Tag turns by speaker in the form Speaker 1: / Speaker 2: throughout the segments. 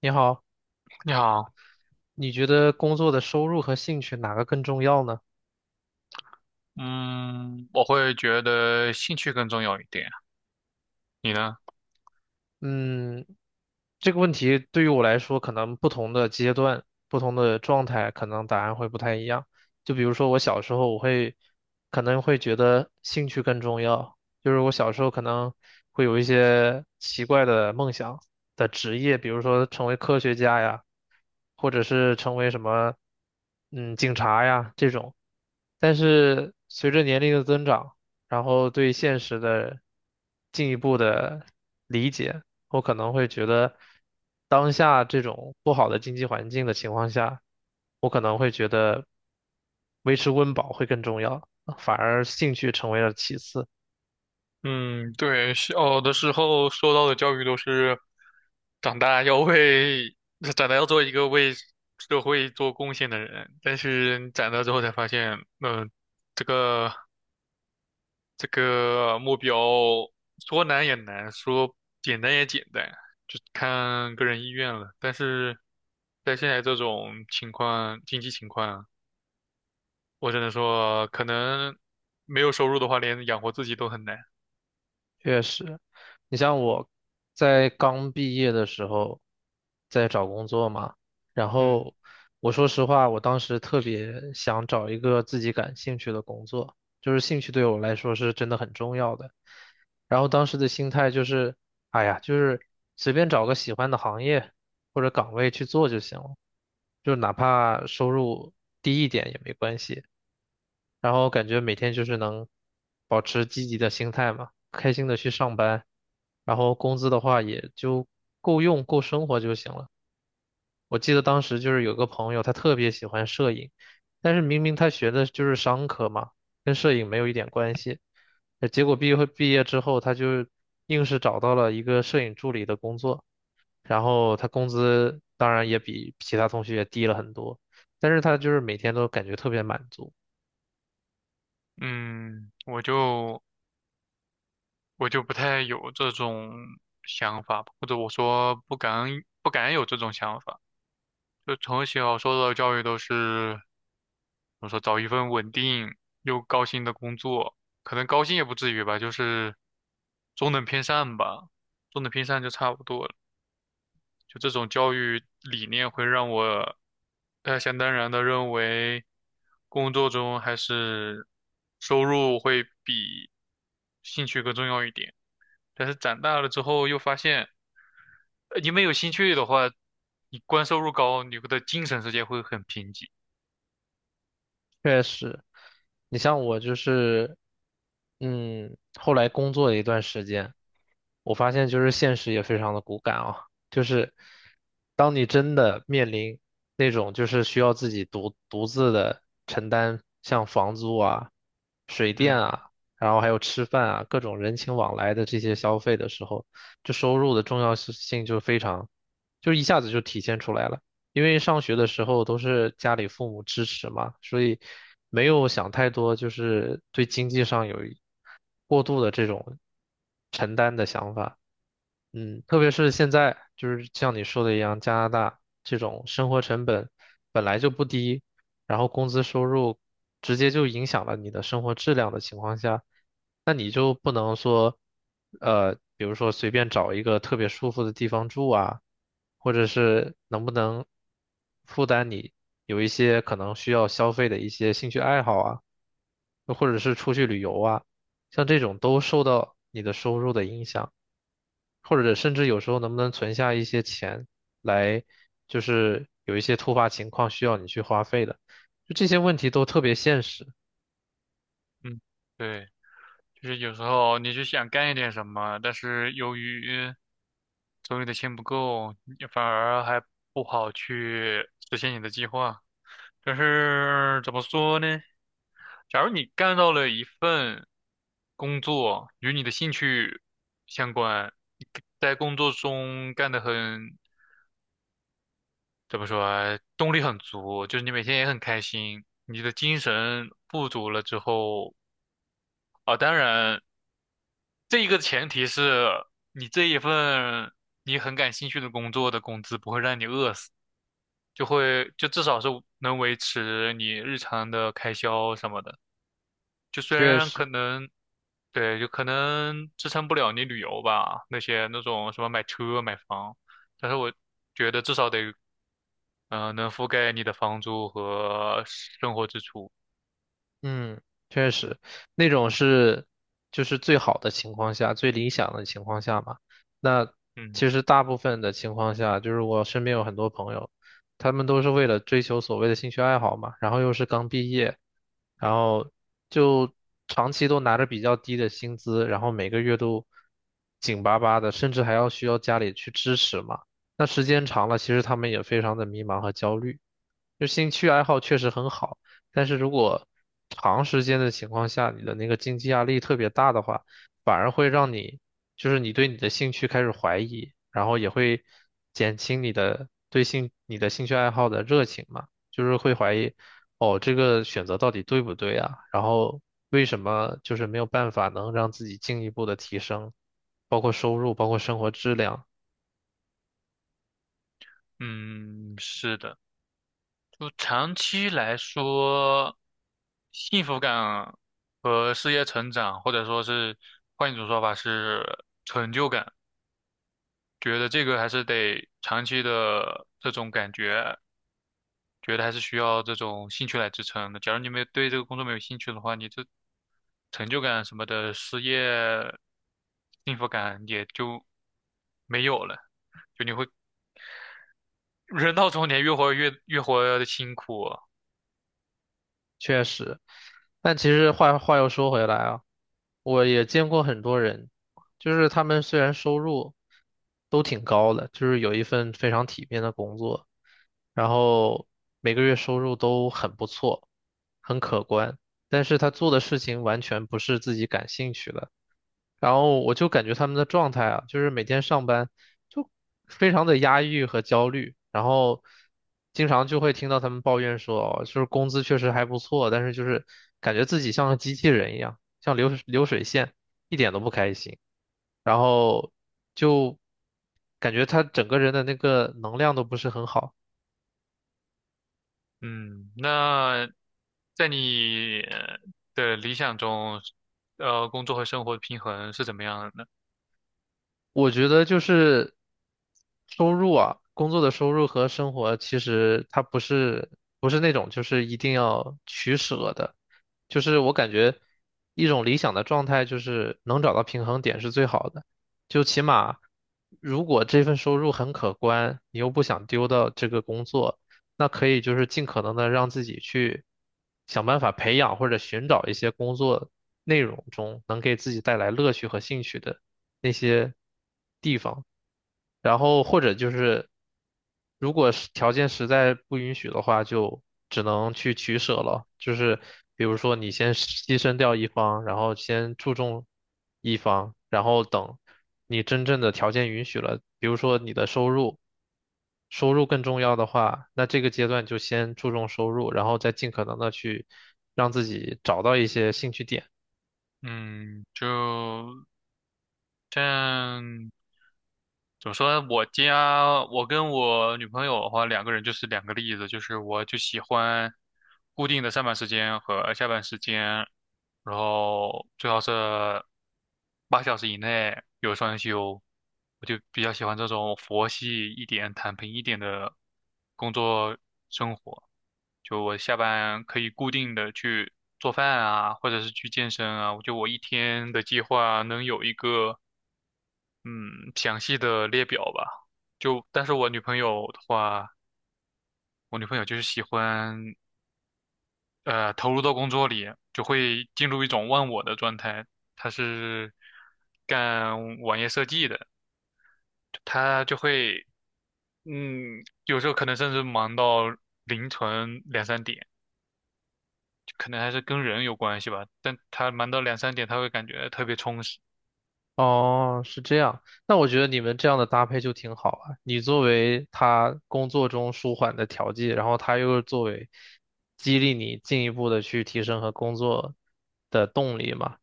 Speaker 1: 你好，
Speaker 2: 你好，
Speaker 1: 你觉得工作的收入和兴趣哪个更重要呢？
Speaker 2: 嗯，我会觉得兴趣更重要一点，你呢？
Speaker 1: 嗯，这个问题对于我来说，可能不同的阶段、不同的状态，可能答案会不太一样。就比如说，我小时候，我会可能会觉得兴趣更重要，就是我小时候可能会有一些奇怪的梦想的职业，比如说成为科学家呀，或者是成为什么，警察呀这种。但是随着年龄的增长，然后对现实的进一步的理解。我可能会觉得，当下这种不好的经济环境的情况下，我可能会觉得维持温饱会更重要，反而兴趣成为了其次。
Speaker 2: 嗯，对，小的时候受到的教育都是长大要为，长大要做一个为社会做贡献的人，但是你长大之后才发现，这个这个目标说难也难，说简单也简单，就看个人意愿了。但是在现在这种情况，经济情况。我只能说，可能没有收入的话，连养活自己都很难。
Speaker 1: 确实，你像我在刚毕业的时候，在找工作嘛，然
Speaker 2: 嗯
Speaker 1: 后我说实话，我当时特别想找一个自己感兴趣的工作，就是兴趣对我来说是真的很重要的。然后当时的心态就是，哎呀，就是随便找个喜欢的行业或者岗位去做就行了，就哪怕收入低一点也没关系。然后感觉每天就是能保持积极的心态嘛，开心的去上班，然后工资的话也就够用，够生活就行了。我记得当时就是有个朋友，他特别喜欢摄影，但是明明他学的就是商科嘛，跟摄影没有一点关系。结果毕业之后，他就硬是找到了一个摄影助理的工作，然后他工资当然也比其他同学低了很多，但是他就是每天都感觉特别满足。
Speaker 2: 嗯，我就我就不太有这种想法吧，或者我说不敢有这种想法。就从小受到的教育都是，我说找一份稳定又高薪的工作，可能高薪也不至于吧，就是中等偏上吧，中等偏上就差不多了。就这种教育理念会让我，想当然的认为，工作中还是收入会比兴趣更重要一点。但是长大了之后又发现，你没有兴趣的话，你光收入高，你会的精神世界会很贫瘠。
Speaker 1: 确实，你像我就是，后来工作了一段时间，我发现就是现实也非常的骨感啊，就是当你真的面临那种就是需要自己独自的承担像房租啊、水电
Speaker 2: 嗯
Speaker 1: 啊，然后还有吃饭啊各种人情往来的这些消费的时候，这收入的重要性就非常，就一下子就体现出来了。因为上学的时候都是家里父母支持嘛，所以没有想太多，就是对经济上有一过度的这种承担的想法。嗯，特别是现在，就是像你说的一样，加拿大这种生活成本本来就不低，然后工资收入直接就影响了你的生活质量的情况下，那你就不能说，比如说随便找一个特别舒服的地方住啊，或者是能不能负担你有一些可能需要消费的一些兴趣爱好啊，又或者是出去旅游啊，像这种都受到你的收入的影响，或者甚至有时候能不能存下一些钱来，就是有一些突发情况需要你去花费的，就这些问题都特别现实，
Speaker 2: 嗯，对，就是有时候你就想干一点什么，但是由于手里的钱不够，你反而还不好去实现你的计划。就是怎么说呢？假如你干到了一份工作与你的兴趣相关，你在工作中干得很，怎么说啊，动力很足，就是你每天也很开心，你的精神富足了之后啊，当然这一个前提是你这一份你很感兴趣的工作的工资不会让你饿死，就至少是能维持你日常的开销什么的。就虽
Speaker 1: 确
Speaker 2: 然
Speaker 1: 实。
Speaker 2: 可能，对，就可能支撑不了你旅游吧，那种什么买车买房，但是我觉得至少得，能覆盖你的房租和生活支出。
Speaker 1: 嗯，确实，那种是就是最好的情况下，最理想的情况下嘛。那
Speaker 2: 嗯
Speaker 1: 其实大部分的情况下，就是我身边有很多朋友，他们都是为了追求所谓的兴趣爱好嘛，然后又是刚毕业，然后就长期都拿着比较低的薪资，然后每个月都紧巴巴的，甚至还要需要家里去支持嘛。那时间长了，其实他们也非常的迷茫和焦虑。就兴趣爱好确实很好。但是如果长时间的情况下，你的那个经济压力特别大的话，反而会让你，就是你对你的兴趣开始怀疑，然后也会减轻你的你的兴趣爱好的热情嘛，就是会怀疑，哦，这个选择到底对不对啊？然后为什么就是没有办法能让自己进一步的提升，包括收入，包括生活质量，
Speaker 2: 嗯，是的，就长期来说，幸福感和事业成长，或者说是换一种说法是成就感，觉得这个还是得长期的这种感觉。觉得还是需要这种兴趣来支撑的。假如你没有对这个工作没有兴趣的话，你这成就感什么的，失业幸福感也就没有了。就你会人到中年，越活的辛苦。
Speaker 1: 确实。但其实话又说回来啊，我也见过很多人，就是他们虽然收入都挺高的，就是有一份非常体面的工作，然后每个月收入都很不错，很可观，但是他做的事情完全不是自己感兴趣的。然后我就感觉他们的状态啊，就是每天上班就非常的压抑和焦虑，然后经常就会听到他们抱怨说，哦就是工资确实还不错，但是就是感觉自己像个机器人一样，像流水线，一点都不开心，然后就感觉他整个人的那个能量都不是很好。
Speaker 2: 嗯，那在你的理想中，工作和生活的平衡是怎么样的呢？
Speaker 1: 我觉得就是收入啊，工作的收入和生活其实它不是那种就是一定要取舍的，就是我感觉一种理想的状态就是能找到平衡点是最好的，就起码如果这份收入很可观，你又不想丢掉这个工作，那可以就是尽可能的让自己去想办法培养或者寻找一些工作内容中能给自己带来乐趣和兴趣的。那些地方，然后或者就是如果是条件实在不允许的话，就只能去取舍了，就是比如说你先牺牲掉一方，然后先注重一方，然后等你真正的条件允许了，比如说你的收入。收入更重要的话，那这个阶段就先注重收入，然后再尽可能的去让自己找到一些兴趣点。
Speaker 2: 嗯，就但怎么说呢？我跟我女朋友的话，两个人就是两个例子，就是我就喜欢固定的上班时间和下班时间，然后最好是8小时以内有双休，我就比较喜欢这种佛系一点、躺平一点的工作生活。就我下班可以固定的去做饭啊，或者是去健身啊，我一天的计划能有一个。嗯，详细的列表吧。但是我女朋友的话，我女朋友就是喜欢，投入到工作里，就会进入一种忘我的状态。她是干网页设计的，她就会，有时候可能甚至忙到凌晨两三点，可能还是跟人有关系吧。但她忙到两三点，她会感觉特别充实。
Speaker 1: 哦，是这样。那我觉得你们这样的搭配就挺好啊。你作为他工作中舒缓的调剂，然后他又作为激励你进一步的去提升和工作的动力嘛。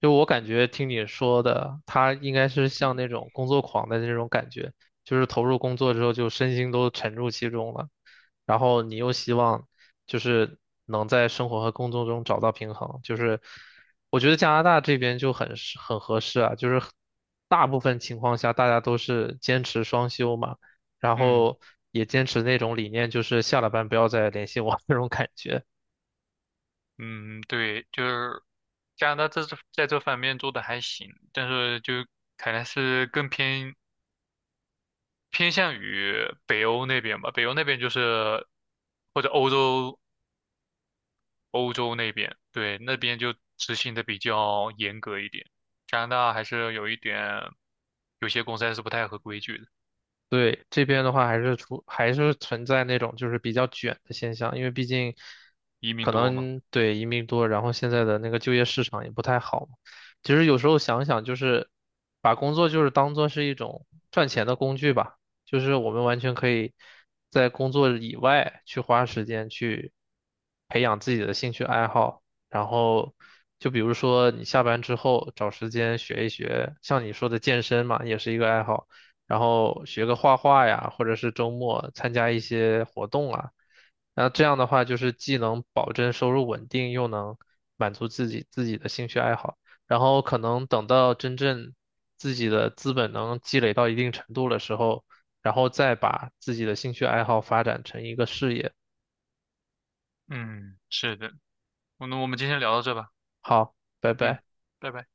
Speaker 1: 就我感觉听你说的，他应该是像那种工作狂的那种感觉，就是投入工作之后就身心都沉入其中了，然后你又希望就是能在生活和工作中找到平衡，就是我觉得加拿大这边就很合适啊，就是很大部分情况下大家都是坚持双休嘛，然
Speaker 2: 嗯。
Speaker 1: 后也坚持那种理念，就是下了班不要再联系我 那种感觉。
Speaker 2: 嗯，对，就是加拿大在这方面做的还行，但是就可能是更偏向于北欧那边吧，北欧那边就是或者欧洲那边，对，那边就执行的比较严格一点。加拿大还是有一点，有些公司还是不太合规矩的，
Speaker 1: 对，这边的话还是存在那种就是比较卷的现象，因为毕竟
Speaker 2: 移民
Speaker 1: 可
Speaker 2: 多嘛。
Speaker 1: 能对移民多，然后现在的那个就业市场也不太好嘛其实有时候想想，就是把工作就是当做是一种赚钱的工具吧，就是我们完全可以在工作以外去花时间去培养自己的兴趣爱好，然后就比如说你下班之后找时间学一学，像你说的健身嘛，也是一个爱好。然后学个画画呀，或者是周末参加一些活动啊。那这样的话，就是既能保证收入稳定，又能满足自己的兴趣爱好。然后可能等到真正自己的资本能积累到一定程度的时候，然后再把自己的兴趣爱好发展成一个事业。
Speaker 2: 嗯，是的，那我们今天聊到这吧。
Speaker 1: 好，拜
Speaker 2: 嗯，
Speaker 1: 拜。
Speaker 2: 拜拜。